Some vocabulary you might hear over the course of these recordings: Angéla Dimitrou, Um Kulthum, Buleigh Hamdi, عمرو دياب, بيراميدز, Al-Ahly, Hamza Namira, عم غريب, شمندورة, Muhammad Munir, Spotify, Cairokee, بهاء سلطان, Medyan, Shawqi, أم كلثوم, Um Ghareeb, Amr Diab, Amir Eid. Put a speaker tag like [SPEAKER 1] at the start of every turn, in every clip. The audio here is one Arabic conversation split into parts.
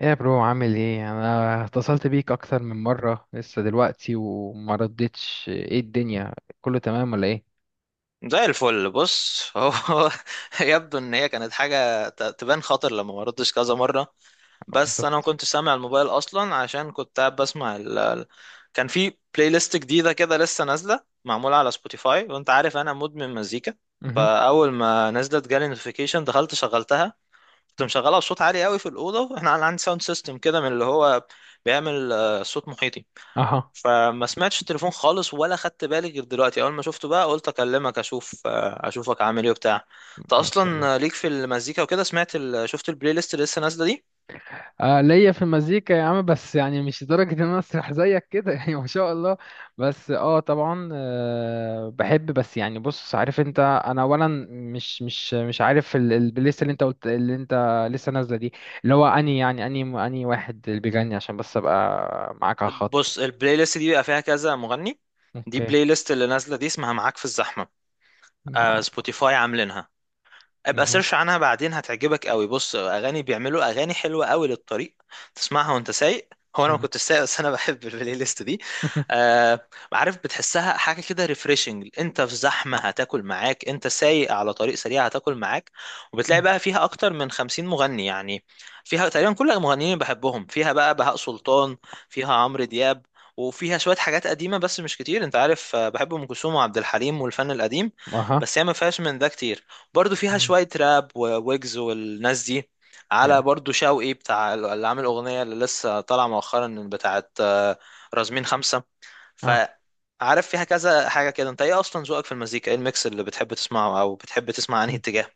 [SPEAKER 1] ايه يا برو، عامل ايه؟ انا اتصلت بيك اكتر من مره لسه دلوقتي وما ردتش. ايه الدنيا، كله تمام ولا ايه؟
[SPEAKER 2] زي الفل. بص، هو يبدو ان هي كانت حاجه تبان خطر لما ما ردش كذا مره. بس انا ما
[SPEAKER 1] بالظبط.
[SPEAKER 2] كنتش سامع الموبايل اصلا عشان كنت قاعد بسمع كان في بلاي ليست جديده كده لسه نازله معموله على سبوتيفاي، وانت عارف انا مدمن مزيكا.
[SPEAKER 1] مهم.
[SPEAKER 2] فاول ما نزلت جالي نوتيفيكيشن دخلت شغلتها. كنت مشغلها بصوت عالي قوي في الاوضه، احنا عندي ساوند سيستم كده من اللي هو بيعمل صوت محيطي.
[SPEAKER 1] اها.
[SPEAKER 2] فما سمعتش التليفون خالص ولا خدت بالي غير دلوقتي. اول ما شفته بقى قلت اكلمك اشوف اشوفك عامل ايه وبتاع. انت
[SPEAKER 1] ما شاء
[SPEAKER 2] اصلا
[SPEAKER 1] الله.
[SPEAKER 2] ليك في المزيكا وكده. سمعت شفت البلاي ليست اللي لسه نازله دي.
[SPEAKER 1] ليا في المزيكا يا عم، بس يعني مش لدرجه ان انا اسرح زيك كده يعني ما شاء الله. بس طبعا بحب، بس يعني بص، عارف انت، انا اولا مش عارف البلاylist اللي انت قلت، اللي انت لسه نازله دي. اللي هو اني يعني اني اني واحد اللي بيغني عشان بس ابقى معاك على الخط.
[SPEAKER 2] بص، البلاي ليست دي بيبقى فيها كذا مغني. دي
[SPEAKER 1] اوكي.
[SPEAKER 2] بلاي ليست اللي نازله دي اسمها معاك في الزحمه.
[SPEAKER 1] مع.
[SPEAKER 2] آه سبوتيفاي عاملينها. ابقى
[SPEAKER 1] مه.
[SPEAKER 2] سيرش عنها بعدين هتعجبك قوي. بص، اغاني بيعملوا اغاني حلوه قوي للطريق تسمعها وانت سايق. هو انا
[SPEAKER 1] مه.
[SPEAKER 2] ما
[SPEAKER 1] مه.
[SPEAKER 2] كنتش سايق بس انا بحب البلاي ليست دي. آه عارف، بتحسها حاجه كده ريفريشنج. انت في زحمه هتاكل معاك، انت سايق على طريق سريع هتاكل معاك. وبتلاقي بقى فيها اكتر من 50 مغني يعني. فيها تقريبا كل المغنيين اللي بحبهم، فيها بقى بهاء سلطان، فيها عمرو دياب، وفيها شويه حاجات قديمه بس مش كتير. انت عارف بحب ام كلثوم وعبد الحليم والفن القديم،
[SPEAKER 1] اها.
[SPEAKER 2] بس هي ما فيهاش من ده كتير. برضو فيها شوية راب وويجز والناس دي. على
[SPEAKER 1] يا.
[SPEAKER 2] برضو شوقي بتاع اللي عامل أغنية اللي لسه طالعة مؤخرا بتاعت رازمين خمسة.
[SPEAKER 1] اه.
[SPEAKER 2] فعارف فيها كذا حاجة كده. انت ايه أصلا ذوقك في المزيكا؟ ايه الميكس اللي بتحب تسمعه أو بتحب تسمع أنهي
[SPEAKER 1] مم.
[SPEAKER 2] اتجاه؟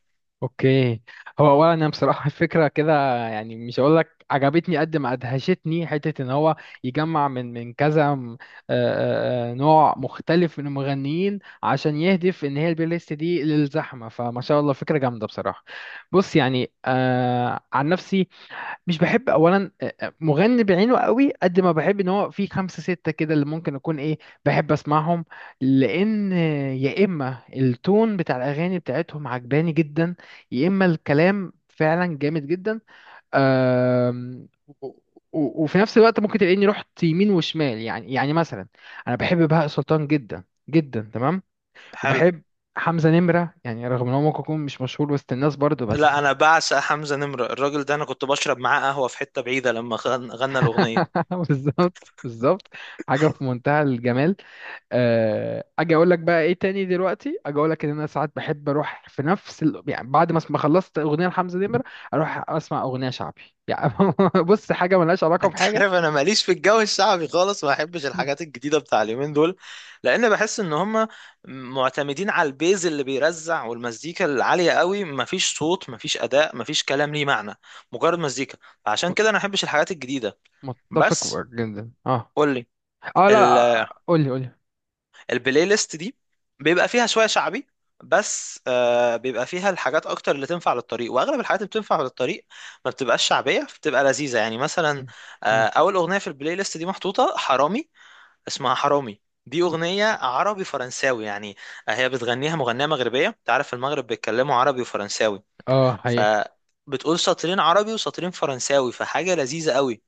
[SPEAKER 1] اوكي. هو اولا انا بصراحه الفكره كده، يعني مش هقول لك عجبتني قد ما ادهشتني، حته ان هو يجمع من كذا نوع مختلف من المغنيين، عشان يهدف ان هي البلاي ليست دي للزحمه. فما شاء الله، فكره جامده بصراحه. بص يعني، عن نفسي مش بحب اولا مغني بعينه قوي، قد ما بحب ان هو في خمسة ستة كده اللي ممكن اكون ايه، بحب اسمعهم. لان يا اما التون بتاع الاغاني بتاعتهم عجباني جدا، يا اما الكلام فعلا جامد جدا. آم، و- وفي نفس الوقت ممكن تلاقيني رحت يمين وشمال، يعني مثلا انا بحب بهاء سلطان جدا جدا، تمام.
[SPEAKER 2] حلو.
[SPEAKER 1] وبحب حمزة نمرة، يعني رغم ان هو ممكن يكون مش مشهور وسط الناس برضه،
[SPEAKER 2] لا،
[SPEAKER 1] بس
[SPEAKER 2] أنا بعشق حمزة نمرة. الراجل ده أنا كنت بشرب معاه قهوة في حتة بعيدة لما غنى الأغنية.
[SPEAKER 1] بالظبط بالظبط، حاجه في منتهى الجمال. اجي اقول لك بقى ايه تاني؟ دلوقتي اجي اقول لك ان انا ساعات بحب اروح في نفس ال... يعني بعد ما ما خلصت اغنيه لحمزه نمر، اروح اسمع اغنيه شعبي، يعني بص، حاجه ملهاش علاقه
[SPEAKER 2] انت
[SPEAKER 1] بحاجه.
[SPEAKER 2] عارف انا ماليش في الجو الشعبي خالص، ما احبش
[SPEAKER 1] مم.
[SPEAKER 2] الحاجات الجديده بتاع اليومين دول. لان بحس ان هم معتمدين على البيز اللي بيرزع والمزيكا العاليه قوي. مفيش صوت، مفيش اداء، مفيش كلام ليه معنى، مجرد مزيكا. عشان كده
[SPEAKER 1] مت-
[SPEAKER 2] انا ما احبش الحاجات الجديده. بس
[SPEAKER 1] متفق جدا، اه.
[SPEAKER 2] قول لي.
[SPEAKER 1] اه، لا لا، قول لي قول لي.
[SPEAKER 2] البلاي ليست دي بيبقى فيها شويه شعبي بس، آه بيبقى فيها الحاجات اكتر اللي تنفع للطريق، واغلب الحاجات اللي بتنفع للطريق ما بتبقاش شعبيه، بتبقى لذيذه. يعني مثلا
[SPEAKER 1] مم. مم.
[SPEAKER 2] آه اول اغنيه في البلاي ليست دي محطوطه حرامي. اسمها حرامي. دي اغنيه عربي فرنساوي يعني، هي بتغنيها مغنيه مغربيه. انت عارف المغرب بيتكلموا عربي وفرنساوي.
[SPEAKER 1] اه
[SPEAKER 2] ف
[SPEAKER 1] هي.
[SPEAKER 2] بتقول سطرين عربي وسطرين فرنساوي، فحاجه لذيذه قوي.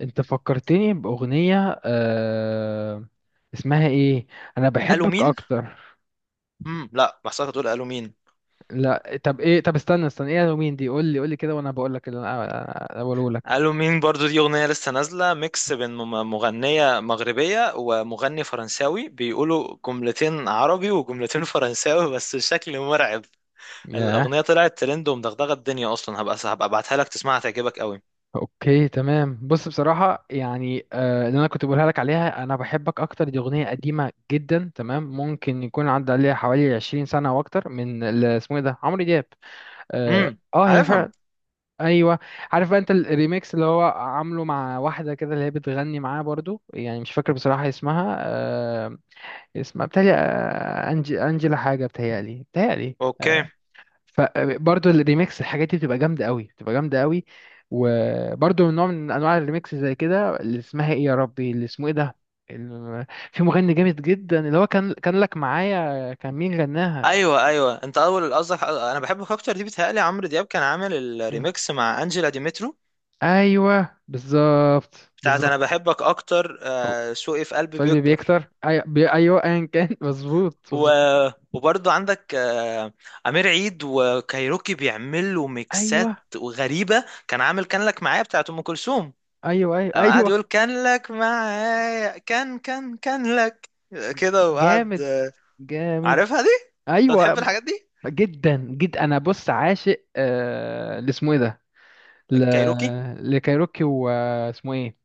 [SPEAKER 1] انت فكرتني باغنيه اسمها ايه؟ انا
[SPEAKER 2] قالوا
[SPEAKER 1] بحبك
[SPEAKER 2] مين؟
[SPEAKER 1] اكتر.
[SPEAKER 2] لا بحسك تقول قالوا مين.
[SPEAKER 1] لا طب ايه؟ طب استنى استنى، ايه الهالوين دي؟ قول لي قول لي كده، وانا بقول لك اللي انا بقوله لك.
[SPEAKER 2] قالوا مين برضو دي أغنية لسه نازلة ميكس بين مغنية مغربية ومغني فرنساوي بيقولوا جملتين عربي وجملتين فرنساوي. بس الشكل مرعب.
[SPEAKER 1] ياه.
[SPEAKER 2] الأغنية طلعت ترند ومدغدغة الدنيا أصلا. هبقى أبعتها لك تسمعها تعجبك قوي.
[SPEAKER 1] اوكي تمام. بص بصراحه، يعني اللي انا كنت بقولها لك عليها، انا بحبك اكتر، دي اغنيه قديمه جدا تمام. ممكن يكون عدى عليها حوالي 20 سنه او اكتر، من اللي اسمه ايه ده، عمرو دياب. اه
[SPEAKER 2] امم،
[SPEAKER 1] هي
[SPEAKER 2] عارفهم.
[SPEAKER 1] فعلا. ايوه. عارف بقى انت الريميكس اللي هو عامله مع واحده كده، اللي هي بتغني معاه برضو، يعني مش فاكر بصراحه اسمها، اسمها بتهيألي، انجي انجيلا، حاجه بتهيألي
[SPEAKER 2] اوكي.
[SPEAKER 1] فبرضه الريميكس الحاجات دي بتبقى جامده قوي، بتبقى جامده قوي. وبرضه من نوع من انواع الريميكس زي كده، اللي اسمها ايه يا ربي، اللي اسمه ايه ده، ال- في مغني جامد جدا اللي هو كان لك معايا، كان مين غناها؟
[SPEAKER 2] ايوه ايوه، انت اول قصدك انا بحبك اكتر دي. بتهيألي عمرو دياب كان عامل
[SPEAKER 1] مم.
[SPEAKER 2] الريميكس مع انجيلا ديمترو
[SPEAKER 1] ايوه بالظبط
[SPEAKER 2] بتاعت انا
[SPEAKER 1] بالظبط.
[SPEAKER 2] بحبك اكتر
[SPEAKER 1] الله.
[SPEAKER 2] شوقي في قلبي
[SPEAKER 1] فالبي
[SPEAKER 2] بيكبر.
[SPEAKER 1] بيكتر، ايوه ايوه، ايا كان مظبوط
[SPEAKER 2] و...
[SPEAKER 1] مظبوط.
[SPEAKER 2] وبرضه عندك أمير عيد وكايروكي بيعملوا ميكسات
[SPEAKER 1] ايوه
[SPEAKER 2] غريبة. كان عامل كان لك معايا بتاعت أم كلثوم.
[SPEAKER 1] ايوه ايوه
[SPEAKER 2] قام قاعد
[SPEAKER 1] ايوه.
[SPEAKER 2] يقول كان لك معايا كان كان كان لك كده، وقعد
[SPEAKER 1] جامد جامد.
[SPEAKER 2] عارفها دي؟ أنت بتحب
[SPEAKER 1] ايوه.
[SPEAKER 2] الحاجات دي؟
[SPEAKER 1] جدا جدا، انا بص عاشق، اللي اسمه ايه ده، ل...
[SPEAKER 2] كايروكي.
[SPEAKER 1] لكايروكي، واسمه ايه؟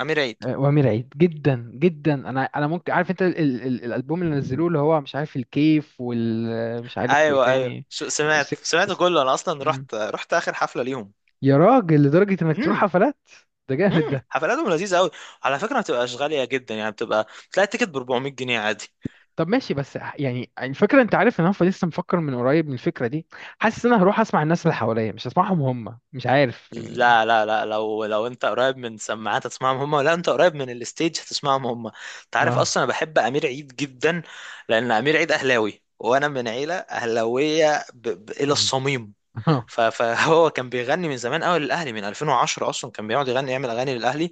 [SPEAKER 2] أمير عيد.
[SPEAKER 1] وامير عيد جدا جدا. انا ممكن، عارف انت الالبوم اللي نزلوه اللي هو مش عارف الكيف، وال مش عارف وايه
[SPEAKER 2] أيوه أيوه،
[SPEAKER 1] تاني.
[SPEAKER 2] سمعت
[SPEAKER 1] وسك... س-
[SPEAKER 2] كله. أنا أصلا
[SPEAKER 1] مم.
[SPEAKER 2] رحت آخر حفلة ليهم.
[SPEAKER 1] يا راجل، لدرجة انك تروح
[SPEAKER 2] امم.
[SPEAKER 1] حفلات؟ ده جامد
[SPEAKER 2] امم،
[SPEAKER 1] ده.
[SPEAKER 2] حفلاتهم لذيذة أوي. على فكرة ما بتبقاش غالية جدا، يعني بتبقى تلاقي التيكت ب 400 جنيه عادي.
[SPEAKER 1] طب ماشي، بس يعني الفكرة، انت عارف ان انا لسه مفكر من قريب من الفكرة دي. حاسس ان انا هروح اسمع الناس اللي حواليا، مش هسمعهم هم، مش عارف يعني.
[SPEAKER 2] لا لا لا، لو انت قريب من سماعات هتسمعهم هم، ولا انت قريب من الستيج هتسمعهم هم. انت عارف
[SPEAKER 1] اه.
[SPEAKER 2] اصلا انا بحب امير عيد جدا. لان امير عيد اهلاوي، وانا من عيله اهلاويه الى
[SPEAKER 1] مم.
[SPEAKER 2] الصميم.
[SPEAKER 1] اه.
[SPEAKER 2] فهو كان بيغني من زمان قوي للاهلي من 2010. اصلا كان بيقعد يغني يعمل اغاني للاهلي.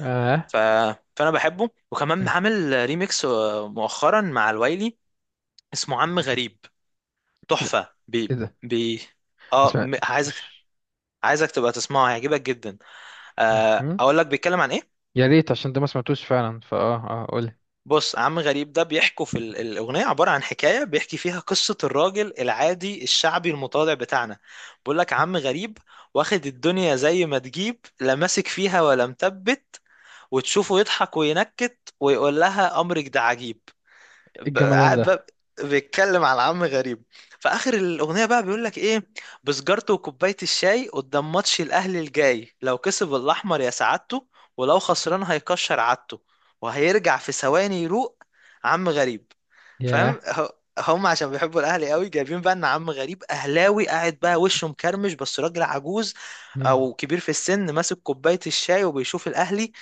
[SPEAKER 1] اه.
[SPEAKER 2] ف... فانا بحبه، وكمان
[SPEAKER 1] مم.
[SPEAKER 2] عامل ريميكس مؤخرا مع الويلي اسمه عم غريب.
[SPEAKER 1] لا،
[SPEAKER 2] تحفه
[SPEAKER 1] ايه ده؟ بس
[SPEAKER 2] اه
[SPEAKER 1] ما
[SPEAKER 2] عايزك.
[SPEAKER 1] تطوش.
[SPEAKER 2] عايزك تبقى تسمعه هيعجبك جدا. اقول لك بيتكلم عن ايه.
[SPEAKER 1] يا ريت، عشان ده ما سمعتوش فعلا، فاه اه، قول إيه.
[SPEAKER 2] بص، عم غريب ده بيحكوا في الاغنيه عباره عن حكايه بيحكي فيها قصه الراجل العادي الشعبي المتواضع بتاعنا. بيقول لك عم غريب، واخد الدنيا زي ما تجيب، لا ماسك فيها ولا مثبت، وتشوفه يضحك وينكت ويقول لها امرك ده عجيب.
[SPEAKER 1] الجمدان
[SPEAKER 2] قاعد
[SPEAKER 1] ده.
[SPEAKER 2] بقى بيتكلم على عم غريب. في اخر الاغنيه بقى بيقول لك ايه؟ بسجارته وكوبايه الشاي قدام ماتش الاهلي الجاي، لو كسب الاحمر يا سعادته، ولو خسران هيكشر عادته، وهيرجع في ثواني يروق. عم غريب. فاهم؟
[SPEAKER 1] ياه.
[SPEAKER 2] هم عشان بيحبوا الاهلي قوي جايبين بقى ان عم غريب اهلاوي قاعد بقى وشه مكرمش بس راجل عجوز
[SPEAKER 1] مم.
[SPEAKER 2] او كبير في السن ماسك كوبايه الشاي وبيشوف الاهلي.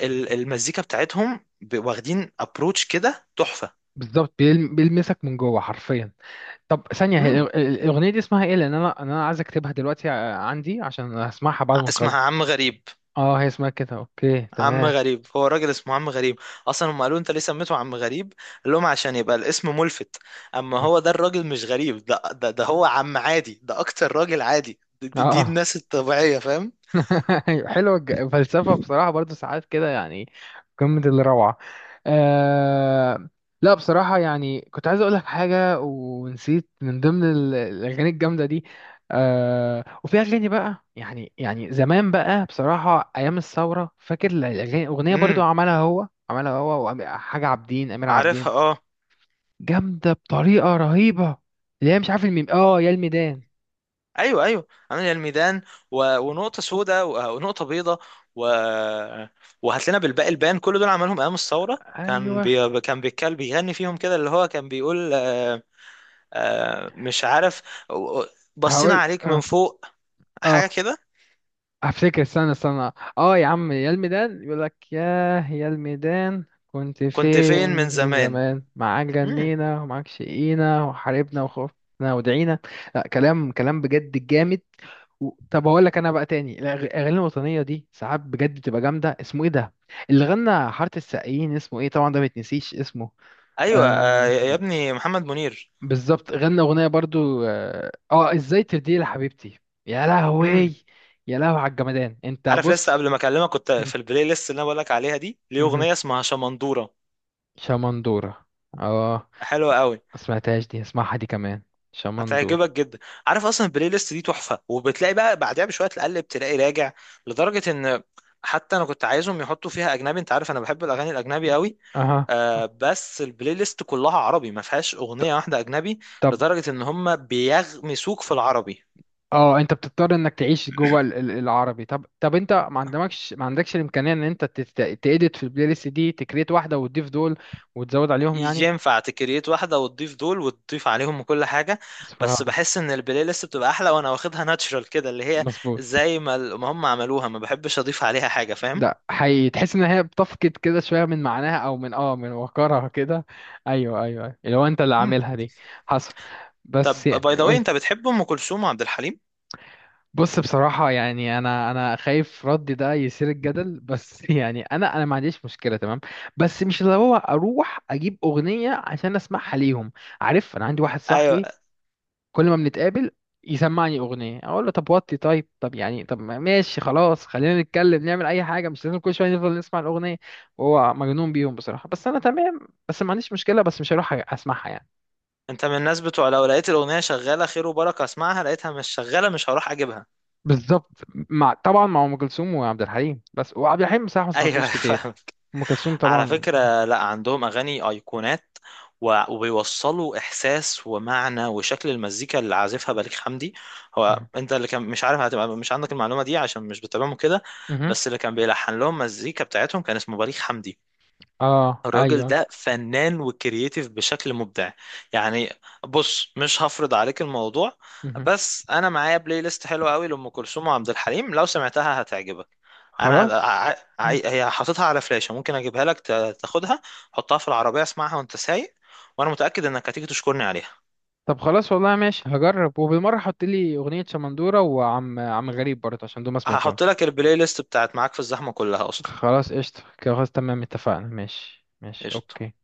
[SPEAKER 2] المزيكا بتاعتهم واخدين ابروتش كده تحفه.
[SPEAKER 1] بالظبط، بيلمسك من جوه حرفيا. طب ثانية، هي
[SPEAKER 2] مم.
[SPEAKER 1] الأغنية دي اسمها ايه؟ لأن أنا عايز أكتبها دلوقتي عندي، عشان هسمعها بعد ما نخلص.
[SPEAKER 2] اسمها عم غريب.
[SPEAKER 1] اه هي اسمها كده، اوكي
[SPEAKER 2] عم
[SPEAKER 1] تمام.
[SPEAKER 2] غريب هو الراجل اسمه عم غريب. اصلا هم قالوا انت ليه سميته عم غريب؟ قال لهم عشان يبقى الاسم ملفت. اما هو ده الراجل مش غريب، ده هو عم عادي، ده اكتر راجل عادي.
[SPEAKER 1] اه
[SPEAKER 2] دي
[SPEAKER 1] آه.
[SPEAKER 2] الناس الطبيعية فاهم.
[SPEAKER 1] أيوة، حلوة فلسفة بصراحة، برضو ساعات كده يعني قمة الروعة. آه... لا بصراحة، يعني كنت عايز أقولك حاجة ونسيت، من ضمن الأغاني الجامدة دي. وفي أغاني بقى، يعني زمان بقى بصراحة أيام الثورة، فاكر الأغاني، أغنية برضو
[SPEAKER 2] امم،
[SPEAKER 1] عملها هو، عملها هو وحاجة عابدين، أمير عابدين.
[SPEAKER 2] عارفها. اه
[SPEAKER 1] جامدة بطريقة رهيبة. اللي هي مش عارف، الميم، اه، يا الميدان.
[SPEAKER 2] ايوه ايوه عامل الميدان، ونقطة سوداء، ونقطة بيضاء، و... وهات لنا بالباقي البان. كل دول عملهم ايام الثورة.
[SPEAKER 1] أيوه.
[SPEAKER 2] كان بيتكلم، بيغني فيهم كده اللي هو كان بيقول آه مش عارف. بصينا
[SPEAKER 1] هقول
[SPEAKER 2] عليك من
[SPEAKER 1] اه.
[SPEAKER 2] فوق
[SPEAKER 1] اه
[SPEAKER 2] حاجة كده.
[SPEAKER 1] هفتكر، استنى استنى. اه يا عم، يا الميدان يقول لك، ياه يا الميدان كنت
[SPEAKER 2] كنت فين
[SPEAKER 1] فين،
[SPEAKER 2] من
[SPEAKER 1] من
[SPEAKER 2] زمان.
[SPEAKER 1] زمان معاك
[SPEAKER 2] امم،
[SPEAKER 1] جنينا ومعاك شقينا وحاربنا وخوفنا ودعينا. لا، كلام كلام بجد جامد. و... طب هقول لك انا بقى تاني، الاغاني الوطنيه دي ساعات بجد بتبقى جامده، اسمه ايه ده اللي غنى حاره السقايين، اسمه ايه، طبعا ده ما يتنسيش اسمه.
[SPEAKER 2] ايوه آه يا
[SPEAKER 1] آم،
[SPEAKER 2] ابني محمد منير.
[SPEAKER 1] بالظبط، غنى اغنيه برضو، اه ازاي ترضي لي حبيبتي. يا
[SPEAKER 2] امم.
[SPEAKER 1] لهوي. يا لهوي على الجمدان، انت
[SPEAKER 2] عارف، لسه
[SPEAKER 1] بص.
[SPEAKER 2] قبل ما اكلمك كنت في
[SPEAKER 1] مم.
[SPEAKER 2] البلاي ليست اللي انا بقولك عليها دي ليه
[SPEAKER 1] مهم.
[SPEAKER 2] اغنية اسمها شمندورة.
[SPEAKER 1] شمندورة. اه
[SPEAKER 2] حلوة قوي.
[SPEAKER 1] ما سمعتهاش دي، اسمعها دي كمان. شمندورة.
[SPEAKER 2] هتعجبك جدا. عارف اصلا البلاي ليست دي تحفة، وبتلاقي بقى بعدها بشوية تقلب تلاقي راجع لدرجة ان حتى انا كنت عايزهم يحطوا فيها اجنبي. انت عارف انا بحب الاغاني الاجنبي قوي،
[SPEAKER 1] اها
[SPEAKER 2] آه
[SPEAKER 1] آه.
[SPEAKER 2] بس البلاي ليست كلها عربي ما فيهاش اغنيه
[SPEAKER 1] ط-
[SPEAKER 2] واحده اجنبي.
[SPEAKER 1] طب
[SPEAKER 2] لدرجه ان هم بيغمسوك في العربي.
[SPEAKER 1] اه، انت بتضطر انك تعيش جوه العربي. طب طب، انت ما عندكش الامكانية ان انت تedit في البلاي ليست دي، تكريت واحدة وتضيف دول، وتزود عليهم يعني.
[SPEAKER 2] ينفع تكريت واحده وتضيف دول وتضيف عليهم كل حاجه.
[SPEAKER 1] بس
[SPEAKER 2] بس
[SPEAKER 1] فرهدة.
[SPEAKER 2] بحس ان البلاي ليست بتبقى احلى وانا واخدها ناتشرال كده، اللي هي
[SPEAKER 1] مظبوط.
[SPEAKER 2] زي ما ما هم عملوها. ما بحبش اضيف عليها حاجه فاهم.
[SPEAKER 1] لا حقيقي، تحس ان هي بتفقد كده شوية من معناها، او من اه، من وقارها كده. ايوه ايوه ايوه، اللي هو انت اللي
[SPEAKER 2] مم.
[SPEAKER 1] عاملها دي. حصل. بس
[SPEAKER 2] طب باي
[SPEAKER 1] يعني
[SPEAKER 2] ذا واي،
[SPEAKER 1] قولي.
[SPEAKER 2] انت بتحب ام كلثوم وعبد الحليم؟
[SPEAKER 1] بص بصراحة، يعني أنا خايف ردي ده يثير الجدل، بس يعني أنا ما عنديش مشكلة، تمام. بس مش اللي هو أروح أجيب أغنية عشان أسمعها ليهم. عارف، أنا عندي واحد
[SPEAKER 2] ايوه.
[SPEAKER 1] صاحبي، كل ما بنتقابل يسمعني أغنية، أقول له طب وطي، طيب طب، يعني طب ماشي خلاص، خلينا نتكلم، نعمل أي حاجة، مش لازم كل شوية نفضل نسمع الأغنية. وهو مجنون بيهم بصراحة، بس أنا تمام. بس ما عنديش مشكلة، بس مش هروح أسمعها يعني.
[SPEAKER 2] انت من الناس بتوع لو لقيت الاغنيه شغاله خير وبركه اسمعها، لقيتها مش شغاله مش هروح اجيبها.
[SPEAKER 1] بالظبط. مع، طبعا مع ام كلثوم وعبد الحليم، بس وعبد الحليم بصراحه ما
[SPEAKER 2] ايوه
[SPEAKER 1] سمعتلوش كتير.
[SPEAKER 2] فاهمك.
[SPEAKER 1] ام كلثوم
[SPEAKER 2] على
[SPEAKER 1] طبعا.
[SPEAKER 2] فكرة، لا، عندهم أغاني أيقونات، وبيوصلوا إحساس ومعنى وشكل. المزيكا اللي عازفها بليغ حمدي. هو
[SPEAKER 1] مه.
[SPEAKER 2] أنت اللي كان مش عارف هتبقى مش عندك المعلومة دي عشان مش بتتابعهم كده.
[SPEAKER 1] مه.
[SPEAKER 2] بس اللي كان بيلحن لهم مزيكا بتاعتهم كان اسمه بليغ حمدي.
[SPEAKER 1] اه
[SPEAKER 2] الراجل
[SPEAKER 1] ايوه.
[SPEAKER 2] ده فنان وكرييتيف بشكل مبدع يعني. بص، مش هفرض عليك الموضوع،
[SPEAKER 1] مه.
[SPEAKER 2] بس انا معايا بلاي ليست حلوه قوي لام كلثوم وعبد الحليم، لو سمعتها هتعجبك. انا
[SPEAKER 1] خلاص. مه.
[SPEAKER 2] هي حاططها على فلاشه، ممكن اجيبها لك تاخدها. حطها في العربيه اسمعها وانت سايق، وانا متاكد انك هتيجي تشكرني عليها.
[SPEAKER 1] طب خلاص والله، ماشي، هجرب. وبالمره حط لي اغنيه شمندوره، وعم غريب برضه، عشان دول ما
[SPEAKER 2] هحط
[SPEAKER 1] سمعتهمش.
[SPEAKER 2] لك البلاي ليست بتاعت معاك في الزحمه كلها اصلا.
[SPEAKER 1] خلاص قشطه كده، خلاص تمام، اتفقنا، ماشي ماشي،
[SPEAKER 2] قشطه
[SPEAKER 1] اوكي.